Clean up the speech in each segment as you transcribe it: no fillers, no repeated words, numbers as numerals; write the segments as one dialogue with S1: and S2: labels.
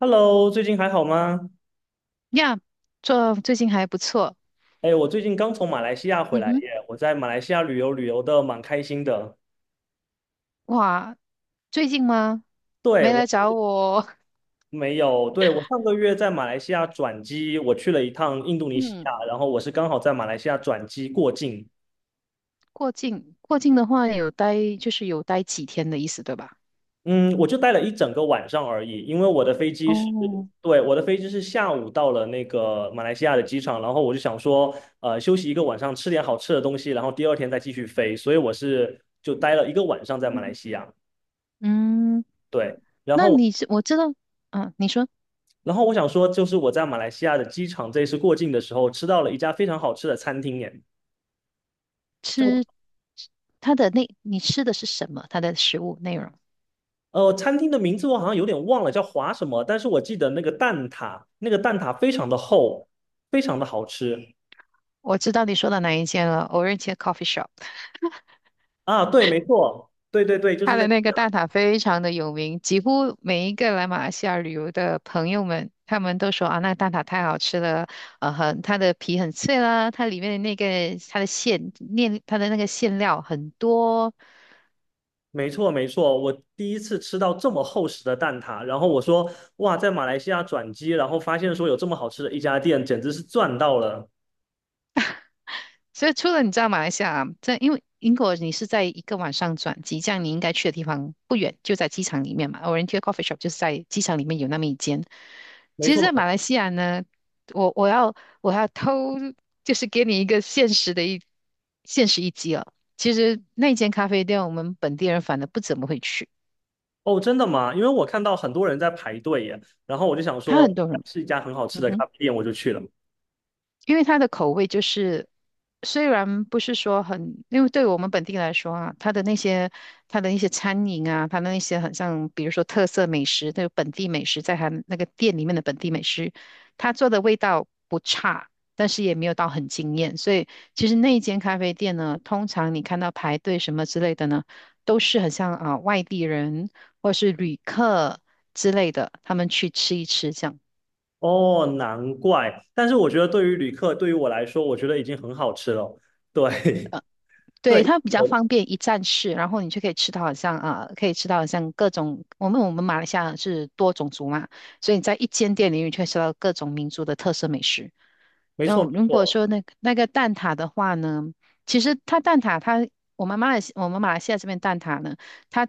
S1: Hello，最近还好吗？
S2: 呀，这最近还不错。
S1: 哎，我最近刚从马来西亚回
S2: 嗯
S1: 来
S2: 哼，
S1: 耶，我在马来西亚旅游的蛮开心的。
S2: 哇，最近吗？
S1: 对，
S2: 没
S1: 我
S2: 来
S1: 上
S2: 找
S1: 个
S2: 我。
S1: 没有，对，我上个月在马来西亚转机，我去了一趟印度尼西
S2: 嗯，
S1: 亚，然后我是刚好在马来西亚转机过境。
S2: 过境的话就是有待几天的意思，对吧？
S1: 嗯，我就待了一整个晚上而已，因为我的飞机是，
S2: 哦，
S1: 对，我的飞机是下午到了那个马来西亚的机场，然后我就想说，休息一个晚上，吃点好吃的东西，然后第二天再继续飞，所以我是就待了一个晚上在马来西亚。
S2: 嗯，
S1: 对。然
S2: 那
S1: 后
S2: 你是我知道，啊，你说
S1: 然后我想说，就是我在马来西亚的机场这一次过境的时候，吃到了一家非常好吃的餐厅，耶，叫
S2: 吃它的那，你吃的是什么？它的食物内容？
S1: 呃餐厅的名字我好像有点忘了，叫华什么，但是我记得那个蛋挞，那个蛋挞非常的厚，非常的好吃。
S2: 我知道你说的哪一件了，o r a n g e coffee shop。
S1: 啊，对，没错，对对对，就是
S2: 它
S1: 那，
S2: 的那个蛋挞非常的有名，几乎每一个来马来西亚旅游的朋友们，他们都说啊，那蛋挞太好吃了，呃，很，它的皮很脆啦，它里面的那个它的馅面，它的那个馅料很多。
S1: 没错没错，我第一次吃到这么厚实的蛋挞，然后我说哇，在马来西亚转机，然后发现说有这么好吃的一家店，简直是赚到了，
S2: 所以除了你知道马来西亚啊，这因为英国你是在一个晚上转机，这样你应该去的地方不远，就在机场里面嘛。Oriental Coffee Shop 就是在机场里面有那么一间。
S1: 没
S2: 其实，在马
S1: 错。
S2: 来西亚呢，我要我要偷，就是给你一个现实一击哦。其实那间咖啡店我们本地人反而不怎么会去，
S1: 哦，真的吗？因为我看到很多人在排队耶，然后我就想
S2: 还有很
S1: 说
S2: 多人，
S1: 是一家很好吃
S2: 嗯
S1: 的
S2: 哼。
S1: 咖啡店，我就去了。
S2: 因为它的口味就是，虽然不是说很，因为对我们本地来说啊，它的一些餐饮啊，它的那些很像，比如说特色美食，那个本地美食，在它那个店里面的本地美食，它做的味道不差，但是也没有到很惊艳。所以其实那一间咖啡店呢，通常你看到排队什么之类的呢，都是很像啊、外地人或是旅客之类的，他们去吃一吃这样。
S1: 哦，难怪。但是我觉得对于旅客，对于我来说，我觉得已经很好吃了。对，对，
S2: 对，它比较
S1: 我
S2: 方便一站式，然后你就可以吃到好像啊、可以吃到好像各种，我们马来西亚是多种族嘛，所以你在一间店里你就可以吃到各种民族的特色美食。
S1: 没
S2: 然
S1: 错
S2: 后
S1: 没
S2: 如果
S1: 错。
S2: 说那个蛋挞的话呢，其实它蛋挞它我们马来西亚这边蛋挞呢，它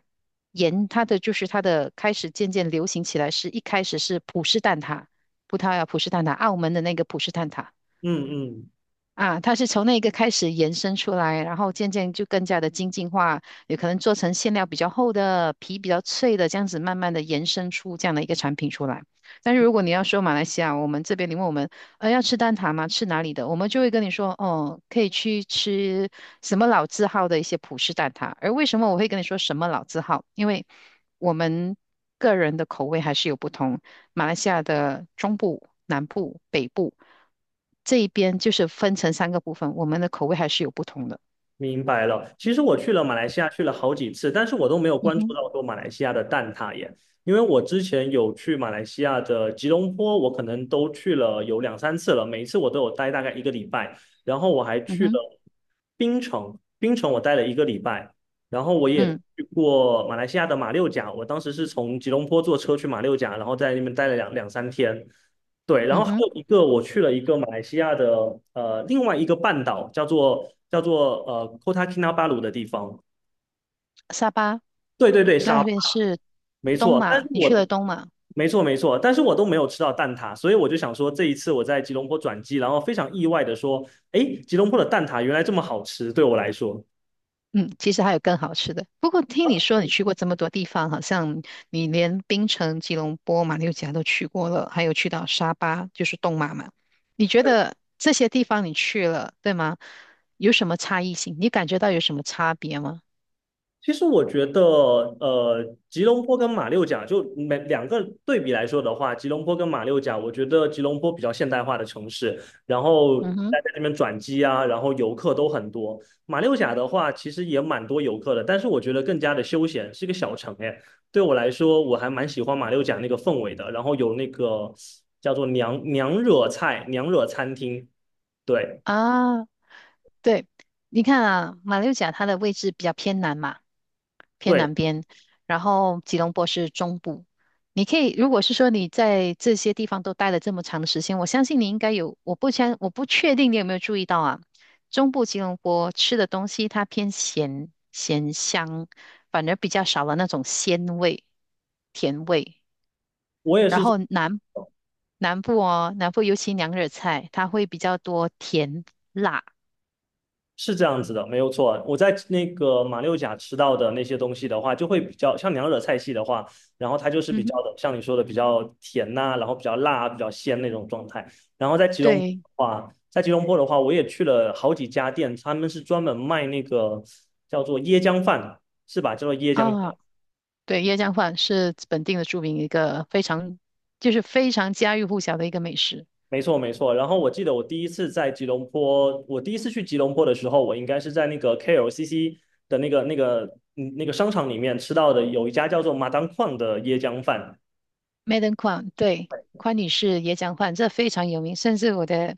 S2: 沿它的就是它的开始渐渐流行起来是，一开始是葡式蛋挞，葡萄牙葡式蛋挞，澳门的那个葡式蛋挞。
S1: 嗯嗯，
S2: 啊，它是从那个开始延伸出来，然后渐渐就更加的精进化，有可能做成馅料比较厚的、皮比较脆的，这样子慢慢的延伸出这样的一个产品出来。但是如果你要说马来西亚，我们这边你问我们，要吃蛋挞吗？吃哪里的？我们就会跟你说，哦，可以去吃什么老字号的一些葡式蛋挞。而为什么我会跟你说什么老字号？因为我们个人的口味还是有不同。马来西亚的中部、南部、北部这一边，就是分成三个部分，我们的口味还是有不同的。
S1: 明白了。其实我去了马来西亚，去了好几次，但是我都没有
S2: 嗯
S1: 关注
S2: 哼，
S1: 到说马来西亚的蛋挞耶。因为我之前有去马来西亚的吉隆坡，我可能都去了有两三次了，每一次我都有待大概一个礼拜。然后我还
S2: 嗯
S1: 去
S2: 哼，
S1: 了槟城，槟城我待了一个礼拜。然后我也
S2: 嗯
S1: 去过马来西亚的马六甲，我当时是从吉隆坡坐车去马六甲，然后在那边待了两三天。对，然后
S2: 嗯
S1: 还
S2: 哼，
S1: 有一个，我去了一个马来西亚的另外一个半岛，叫做 Kota Kinabalu 的地方。
S2: 沙巴
S1: 对对对，
S2: 那
S1: 沙巴
S2: 边是
S1: 没
S2: 东
S1: 错。但是
S2: 马，你去了东马，
S1: 没错没错，但是我都没有吃到蛋挞，所以我就想说，这一次我在吉隆坡转机，然后非常意外的说，诶，吉隆坡的蛋挞原来这么好吃，对我来说。
S2: 嗯，其实还有更好吃的。不过听你说你去过这么多地方，好像你连槟城、吉隆坡、马六甲都去过了，还有去到沙巴，就是东马嘛。你觉得这些地方你去了，对吗？有什么差异性？你感觉到有什么差别吗？
S1: 其实我觉得，吉隆坡跟马六甲就每两个对比来说的话，吉隆坡跟马六甲，我觉得吉隆坡比较现代化的城市，然后大
S2: 嗯哼，
S1: 家在这边转机啊，然后游客都很多。马六甲的话，其实也蛮多游客的，但是我觉得更加的休闲，是一个小城哎。对我来说，我还蛮喜欢马六甲那个氛围的，然后有那个叫做娘惹餐厅，对
S2: 啊。对，你看啊，马六甲它的位置比较偏南嘛，偏
S1: 对，
S2: 南边，然后吉隆坡是中部。你可以，如果是说你在这些地方都待了这么长的时间，我相信你应该有，我不确定你有没有注意到啊，中部吉隆坡吃的东西它偏咸咸香，反而比较少了那种鲜味、甜味。
S1: 我也
S2: 然
S1: 是。
S2: 后南部哦，南部尤其娘惹菜，它会比较多甜辣。
S1: 是这样子的，没有错。我在那个马六甲吃到的那些东西的话，就会比较像娘惹菜系的话，然后它就是比
S2: 嗯
S1: 较
S2: 哼。
S1: 的，像你说的比较甜呐、然后比较辣啊、比较鲜那种状态。然后
S2: 对，
S1: 在吉隆坡的话，我也去了好几家店，他们是专门卖那个叫做椰浆饭，是吧？叫做椰浆饭。
S2: 啊，对，椰浆饭是本地的著名一个非常，就是非常家喻户晓的一个美食。
S1: 没错，没错。然后我记得我第一次去吉隆坡的时候，我应该是在那个 KLCC 的那个商场里面吃到的，有一家叫做马当矿的椰浆饭。
S2: Madam k u a n 对，宽女士椰浆饭，这非常有名。甚至我的，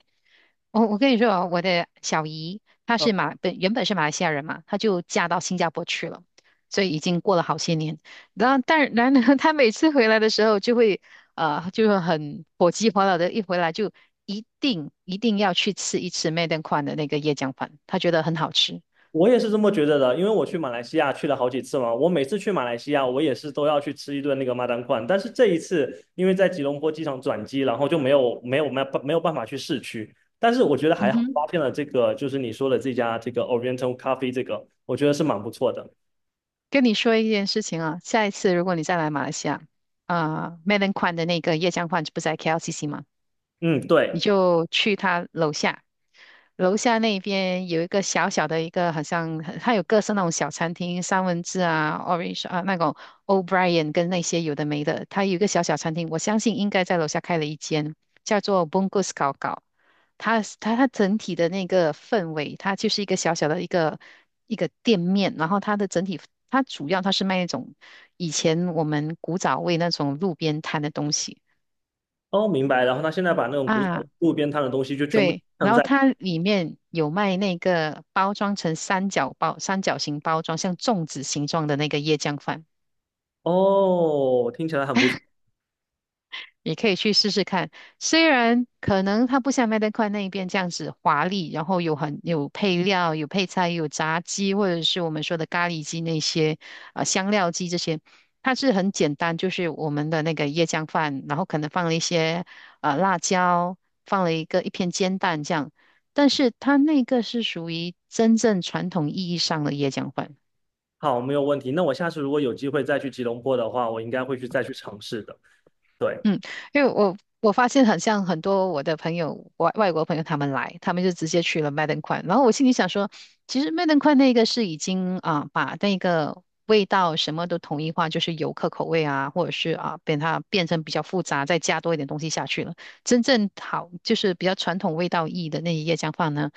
S2: 我跟你说啊，我的小姨她
S1: 啊，
S2: 是原本是马来西亚人嘛，她就嫁到新加坡去了，所以已经过了好些年。然后，但然呢，她每次回来的时候就会，就是很火急火燎的，一回来就一定一定要去吃一次 Madam k u a n 的那个椰浆饭，她觉得很好吃。
S1: 我也是这么觉得的，因为我去马来西亚去了好几次嘛，我每次去马来西亚，我也是都要去吃一顿那个马当矿。但是这一次，因为在吉隆坡机场转机，然后就没有办法去市区。但是我觉得
S2: 嗯
S1: 还好，发
S2: 哼。
S1: 现了这个就是你说的这家这个 Oriental Coffee 这个，我觉得是蛮不错的。
S2: 跟你说一件事情啊，下一次如果你再来马来西亚，啊、m e l o n Kwan 的那个椰浆饭不是在 KLCC 吗？
S1: 嗯，
S2: 你
S1: 对。
S2: 就去他楼下，楼下那边有一个小小的一个，好像它有各式那种小餐厅，三文治啊，Orange 啊，那种 O'Brien 跟那些有的没的，它有一个小小餐厅，我相信应该在楼下开了一间，叫做 Bungus 搞搞。它整体的那个氛围，它就是一个小小的一个店面，然后它的整体，它主要它是卖那种以前我们古早味那种路边摊的东西。
S1: 哦，明白。然后他现在把那种古早
S2: 啊，
S1: 路边摊的东西就全部
S2: 对，然
S1: 放
S2: 后
S1: 在，
S2: 它里面有卖那个包装成三角包、三角形包装，像粽子形状的那个椰浆饭。
S1: 哦，听起来很不错。
S2: 你可以去试试看。虽然可能它不像麦当块那一边这样子华丽，然后很有配料、有配菜、有炸鸡，或者是我们说的咖喱鸡那些啊、香料鸡这些，它是很简单，就是我们的那个椰浆饭，然后可能放了一些啊辣椒，放了一片煎蛋这样。但是它那个是属于真正传统意义上的椰浆饭。
S1: 好，没有问题。那我下次如果有机会再去吉隆坡的话，我应该再去尝试的。对，
S2: 嗯，因为我发现很像很多我的朋友，外国朋友他们来，他们就直接去了麦登宽，然后我心里想说，其实麦登宽那个是已经啊把那个味道什么都统一化，就是游客口味啊，或者是啊它变成比较复杂，再加多一点东西下去了。真正好就是比较传统味道意的那一夜姜饭呢，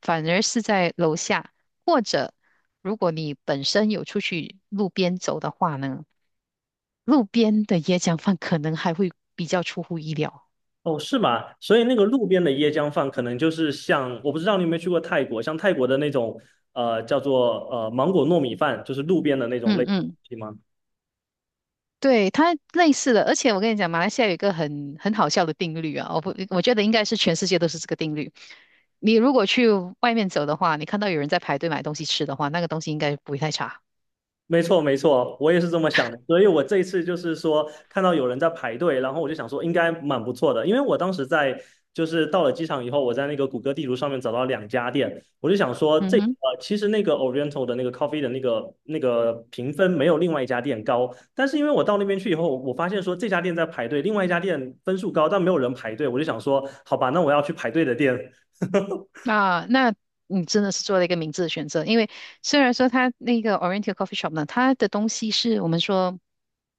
S2: 反而是在楼下，或者如果你本身有出去路边走的话呢。路边的椰浆饭可能还会比较出乎意料。
S1: 哦，是吗？所以那个路边的椰浆饭，可能就是像，我不知道你有没有去过泰国，像泰国的那种，叫做芒果糯米饭，就是路边的那种类
S2: 嗯嗯，
S1: 型吗？
S2: 对，它类似的，而且我跟你讲，马来西亚有一个很好笑的定律啊，我不，我觉得应该是全世界都是这个定律。你如果去外面走的话，你看到有人在排队买东西吃的话，那个东西应该不会太差。
S1: 没错，没错，我也是这么想的。所以我这一次就是说，看到有人在排队，然后我就想说，应该蛮不错的。因为我当时在到了机场以后，我在那个谷歌地图上面找到两家店，我就想说这，
S2: 嗯哼。
S1: 其实那个 Oriental 的那个 coffee 的那个评分没有另外一家店高，但是因为我到那边去以后，我发现说这家店在排队，另外一家店分数高，但没有人排队，我就想说，好吧，那我要去排队的店。
S2: 啊，那你真的是做了一个明智的选择，因为虽然说它那个 Oriental Coffee Shop 呢，它的东西是我们说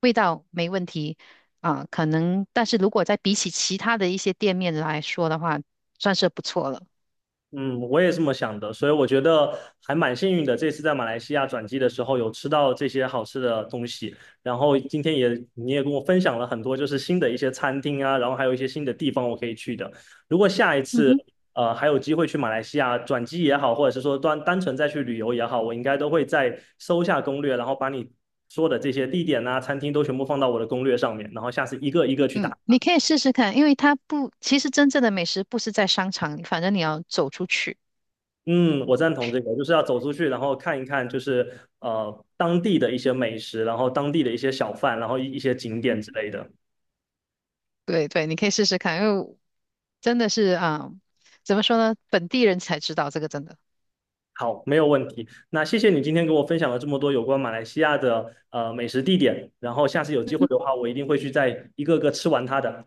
S2: 味道没问题啊，可能，但是如果在比起其他的一些店面来说的话，算是不错了。
S1: 嗯，我也这么想的，所以我觉得还蛮幸运的。这次在马来西亚转机的时候，有吃到这些好吃的东西，然后今天也你跟我分享了很多，就是新的一些餐厅啊，然后还有一些新的地方我可以去的。如果下一
S2: 嗯
S1: 次
S2: 哼，
S1: 还有机会去马来西亚转机也好，或者是说单纯再去旅游也好，我应该都会再搜下攻略，然后把你说的这些地点啊、餐厅都全部放到我的攻略上面，然后下次一个一个去
S2: 嗯，
S1: 打。
S2: 你可以试试看，因为它不，其实真正的美食不是在商场里反正你要走出去。
S1: 嗯，我赞同这个，就是要走出去，然后看一看，就是当地的一些美食，然后当地的一些小贩，然后一些景点之类的。
S2: 对对，你可以试试看，因为真的是啊，怎么说呢，本地人才知道这个真的。
S1: 好，没有问题。那谢谢你今天给我分享了这么多有关马来西亚的美食地点，然后下次有机会的话，我一定会去再一个个吃完它的。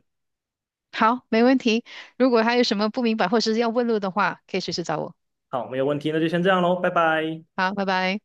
S2: 好，没问题。如果还有什么不明白或是要问路的话，可以随时找我。
S1: 好，没有问题，那就先这样喽，拜拜。
S2: 好，拜拜。